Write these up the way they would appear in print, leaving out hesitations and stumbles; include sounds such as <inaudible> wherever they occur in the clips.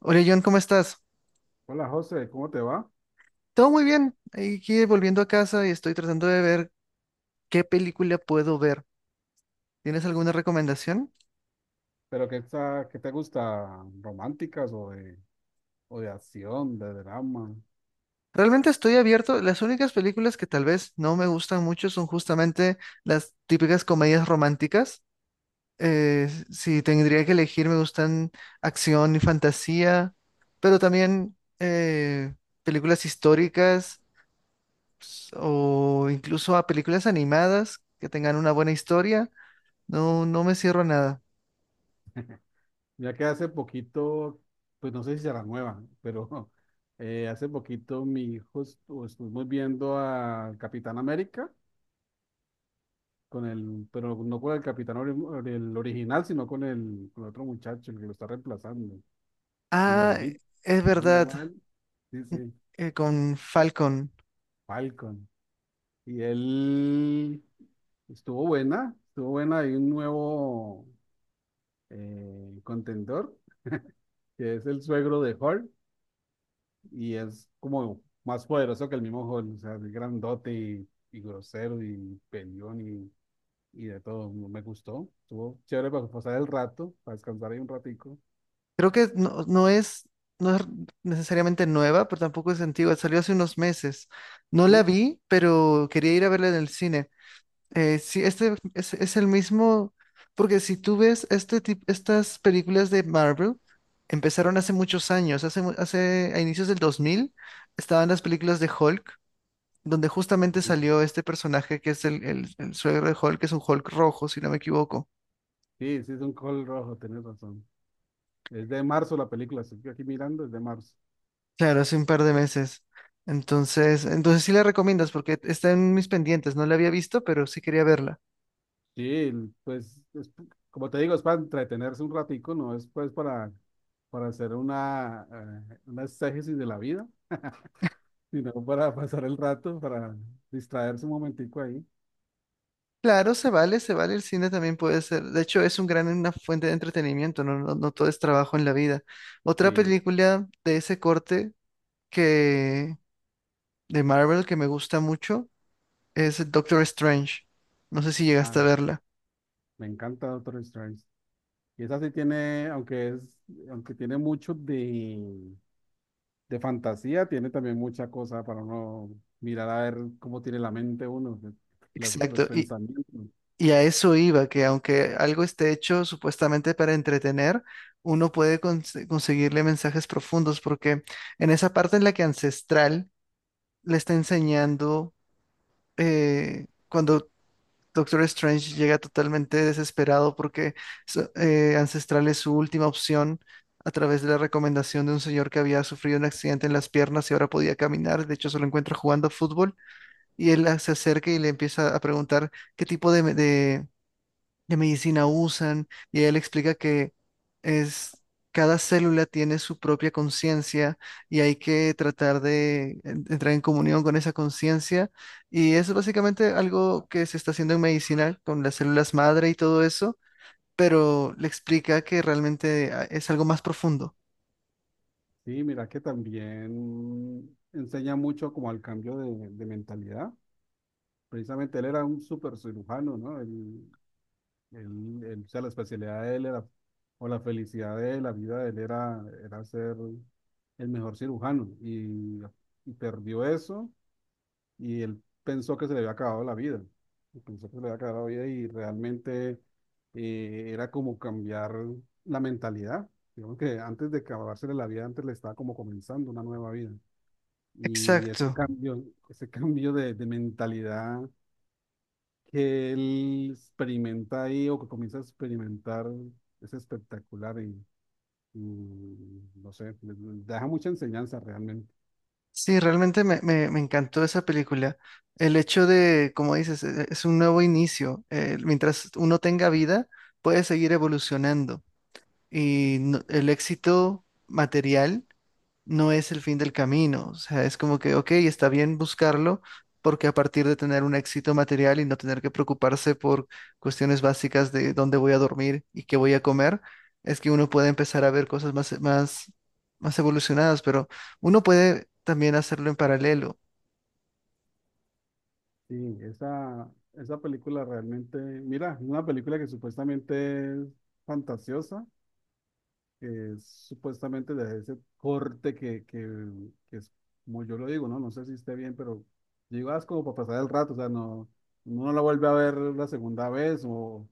Hola John, ¿cómo estás? Hola José, ¿cómo te va? Todo muy bien. Aquí volviendo a casa y estoy tratando de ver qué película puedo ver. ¿Tienes alguna recomendación? Pero ¿qué te gusta? ¿Románticas o de acción, de drama? Realmente estoy abierto. Las únicas películas que tal vez no me gustan mucho son justamente las típicas comedias románticas. Si tendría que elegir, me gustan acción y fantasía, pero también películas históricas o incluso a películas animadas que tengan una buena historia. No, no me cierro a nada. Ya que hace poquito, pues no sé si será nueva, pero <laughs> hace poquito mi hijo estuvimos viendo al Capitán América, con el, pero no con el Capitán el original, sino con el, con otro muchacho, el que lo está reemplazando, el Ah, morenito, es ¿cómo se verdad, llama él? Sí, sí, con Falcon. Falcon. Y él estuvo buena, estuvo buena. Hay un nuevo contendor que es el suegro de Hulk y es como más poderoso que el mismo Hulk, o sea, es grandote y grosero y peleón y de todo. No me gustó, estuvo chévere para pasar el rato, para descansar ahí un ratico. Creo que no es, no es necesariamente nueva, pero tampoco es antigua. Salió hace unos meses. No la Sí, vi, pero quería ir a verla en el cine. Sí, este es el mismo, porque si tú ves estas películas de Marvel, empezaron hace muchos años, hace a inicios del 2000 estaban las películas de Hulk, donde justamente salió este personaje que es el, el suegro de Hulk, que es un Hulk rojo, si no me equivoco. sí, sí, es un Hulk rojo, tenés razón. Es de marzo la película, estoy aquí mirando, es de marzo. Claro, hace un par de meses. Entonces sí la recomiendas porque está en mis pendientes. No la había visto, pero sí quería verla. Sí, pues es como te digo, es para entretenerse un ratico, no es pues para hacer una exégesis de la vida, sino para <laughs> pasar el rato, para distraerse un momentico ahí. Claro, se vale, se vale. El cine también puede ser. De hecho, es un gran, una fuente de entretenimiento. No todo es trabajo en la vida. Otra Sí, película de ese corte que de Marvel que me gusta mucho es Doctor Strange. No sé si llegaste a ah, verla. me encanta Doctor Strange. Y esa sí tiene, aunque es, aunque tiene mucho de fantasía, tiene también mucha cosa para uno mirar a ver cómo tiene la mente uno, los Exacto. Pensamientos. Y a eso iba, que aunque algo esté hecho supuestamente para entretener, uno puede conseguirle mensajes profundos, porque en esa parte en la que Ancestral le está enseñando, cuando Doctor Strange llega totalmente desesperado porque Ancestral es su última opción a través de la recomendación de un señor que había sufrido un accidente en las piernas y ahora podía caminar, de hecho se lo encuentra jugando fútbol, y él se acerca y le empieza a preguntar qué tipo de medicina usan, y él explica que es cada célula tiene su propia conciencia y hay que tratar de entrar en comunión con esa conciencia. Y es básicamente algo que se está haciendo en medicina con las células madre y todo eso, pero le explica que realmente ah, es algo más profundo. Sí, mira que también enseña mucho como al cambio de mentalidad. Precisamente él era un súper cirujano, ¿no? O sea, la especialidad de él era, o la felicidad de él, la vida de él era, era ser el mejor cirujano. Y perdió eso y él pensó que se le había acabado la vida. Pensó que se le había acabado la vida y realmente era como cambiar la mentalidad. Digamos que antes de acabársele la vida, antes le estaba como comenzando una nueva vida. Y ese Exacto. cambio, Ese cambio de mentalidad que él experimenta ahí o que comienza a experimentar es espectacular y no sé, le deja mucha enseñanza realmente. Sí, realmente me encantó esa película. El hecho de, como dices, es un nuevo inicio. Mientras uno tenga vida, puede seguir evolucionando. El éxito material no es el fin del camino. O sea, es como que, ok, está bien buscarlo, porque a partir de tener un éxito material y no tener que preocuparse por cuestiones básicas de dónde voy a dormir y qué voy a comer, es que uno puede empezar a ver cosas más evolucionadas, pero uno puede también hacerlo en paralelo. Sí, esa película realmente, mira, es una película que supuestamente es fantasiosa, que es supuestamente de ese corte que es, como yo lo digo, ¿no? No sé si esté bien, pero yo digo, ah, es como para pasar el rato, o sea, no, uno no la vuelve a ver la segunda vez,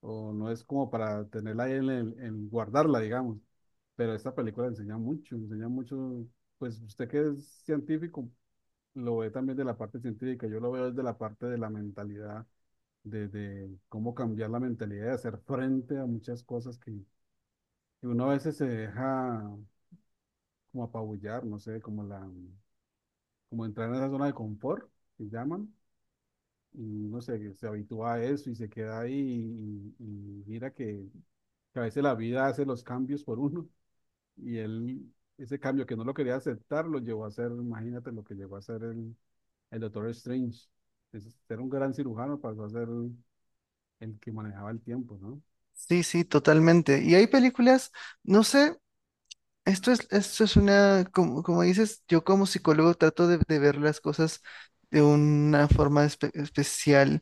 o no es como para tenerla ahí en, en guardarla, digamos. Pero esta película enseña mucho, pues usted que es científico, lo ve también de la parte científica, yo lo veo desde la parte de la mentalidad, de cómo cambiar la mentalidad, de hacer frente a muchas cosas que y uno a veces se deja como apabullar, no sé, como entrar en esa zona de confort que llaman, y se habitúa a eso y se queda ahí y mira que a veces la vida hace los cambios por uno y él, ese cambio que no lo quería aceptar, lo llevó a hacer, imagínate lo que llegó a hacer el Doctor Strange. Era un gran cirujano, pasó a ser el que manejaba el tiempo, ¿no? Sí, sí, totalmente. Y hay películas, no sé. Esto es una, como, como dices, yo como psicólogo trato de ver las cosas de una forma especial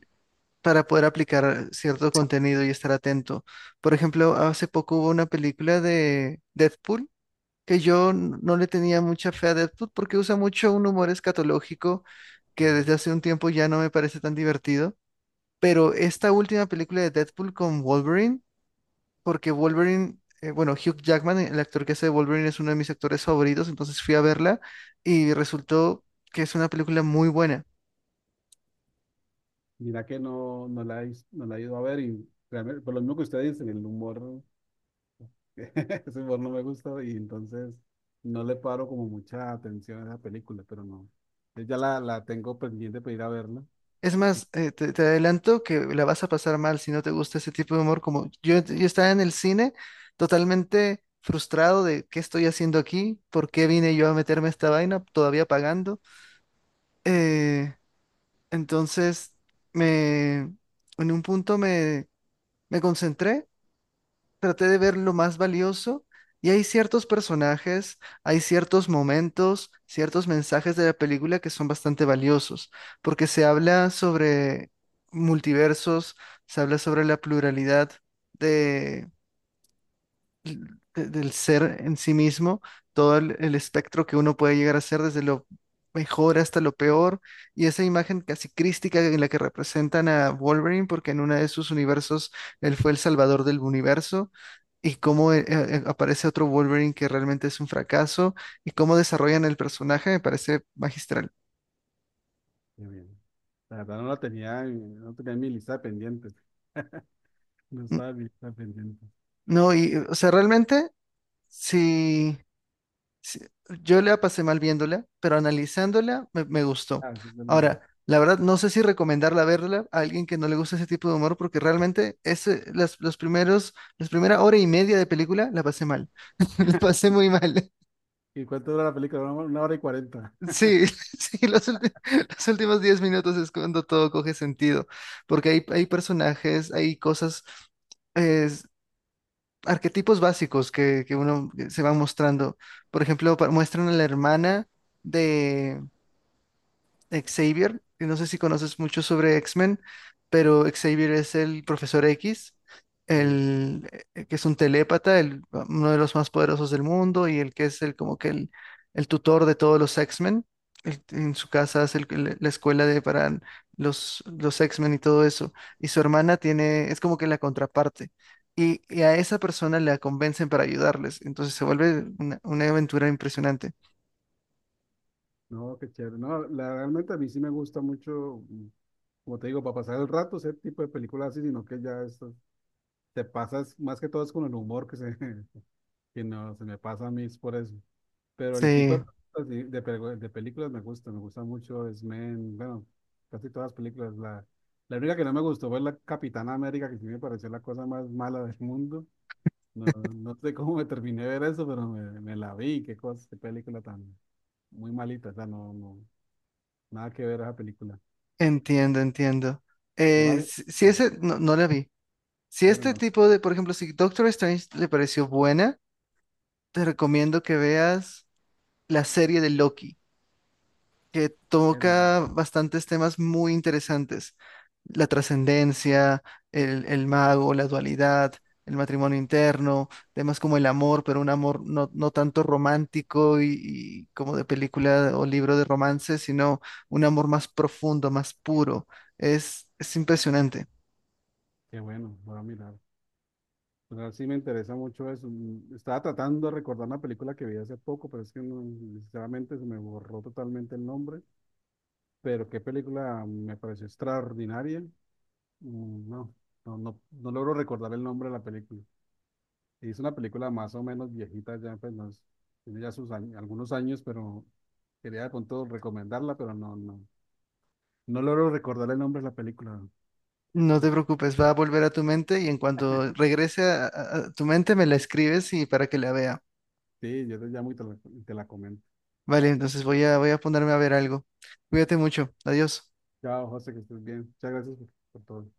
para poder aplicar cierto contenido y estar atento. Por ejemplo, hace poco hubo una película de Deadpool que yo no le tenía mucha fe a Deadpool porque usa mucho un humor escatológico que desde hace un tiempo ya no me parece tan divertido. Pero esta última película de Deadpool con Wolverine porque Wolverine, bueno, Hugh Jackman, el actor que hace de Wolverine, es uno de mis actores favoritos, entonces fui a verla y resultó que es una película muy buena. Mira que no la he ido a ver y realmente, por lo mismo que usted dice, el humor. <laughs> Ese humor no me gusta y entonces no le paro como mucha atención a esa película, pero no. Yo Ya la tengo pendiente para ir a verla. Es más, te adelanto que la vas a pasar mal si no te gusta ese tipo de humor, como yo estaba en el cine totalmente frustrado de qué estoy haciendo aquí, por qué vine yo a meterme a esta vaina, todavía pagando. Eh, entonces, me, en un punto me concentré, traté de ver lo más valioso y hay ciertos personajes, hay ciertos momentos, ciertos mensajes de la película que son bastante valiosos, porque se habla sobre multiversos, se habla sobre la pluralidad de del ser en sí mismo, todo el espectro que uno puede llegar a ser desde lo mejor hasta lo peor, y esa imagen casi crística en la que representan a Wolverine, porque en uno de sus universos él fue el salvador del universo. Y cómo aparece otro Wolverine que realmente es un fracaso, y cómo desarrollan el personaje, me parece magistral. Qué bien. La verdad no tenía en mi lista de pendientes. No Mm, estaba en mi lista de pendientes. no, y, o sea, realmente, sí, sí, yo la pasé mal viéndola, pero analizándola me gustó. Ah, sí, dale. Ahora, la verdad, no sé si recomendarla verla a alguien que no le gusta ese tipo de humor, porque realmente ese, las, las primera hora y media de película la pasé mal. <laughs> La pasé muy mal. ¿Y cuánto dura la película? Una hora y cuarenta. Sí, <laughs> sí, los últimos 10 minutos es cuando todo coge sentido, porque hay personajes, hay cosas es- arquetipos básicos que uno se va mostrando. Por ejemplo, muestran a la hermana de Xavier, y no sé si conoces mucho sobre X-Men, pero Xavier es el profesor X, Sí. el que es un telépata, el, uno de los más poderosos del mundo y el que es el como que el tutor de todos los X-Men. Él en su casa es la escuela de para los X-Men y todo eso. Y su hermana tiene, es como que la contraparte. Y a esa persona la convencen para ayudarles. Entonces se vuelve una aventura impresionante. No, qué chévere. No, la, realmente a mí sí me gusta mucho, como te digo, para pasar el rato, ese tipo de películas así, sino que ya esto, te pasas más que todo es con el humor que se, <laughs> que no se me pasa a mí es por eso. Pero el tipo Sí. películas de películas me gusta mucho es men, bueno, casi todas las películas. La única que no me gustó fue la Capitana América, que sí me pareció la cosa más mala del mundo. No, no sé cómo me terminé de ver eso, pero me la vi, qué cosa, qué película tan muy malita, o sea, no, no, nada que ver esa película. Entiendo, entiendo. ¿No la vi? Si No. ese, no, no la vi. Si Bueno, este no, tipo de, por ejemplo, si Doctor Strange te pareció buena, te recomiendo que veas la serie de Loki que bueno, no. toca bastantes temas muy interesantes. La trascendencia, el mago, la dualidad, el matrimonio interno, temas como el amor, pero un amor no tanto romántico y como de película o libro de romance, sino un amor más profundo, más puro. Es impresionante. Qué bueno, voy a mirar. Pero sí me interesa mucho eso. Estaba tratando de recordar una película que vi hace poco, pero es que no, sinceramente se me borró totalmente el nombre. Pero qué película me pareció extraordinaria. Mm, No, no logro recordar el nombre de la película. Es una película más o menos viejita ya, pues no es- tiene ya sus algunos años, pero quería con todo recomendarla, pero no logro recordar el nombre de la película. No te preocupes, va a volver a tu mente y en cuanto regrese a tu mente me la escribes y para que la vea. Sí, yo te llamo y te la comento. Vale, entonces voy a, voy a ponerme a ver algo. Cuídate mucho. Adiós. Chao, José, que estés bien. Muchas gracias por todo.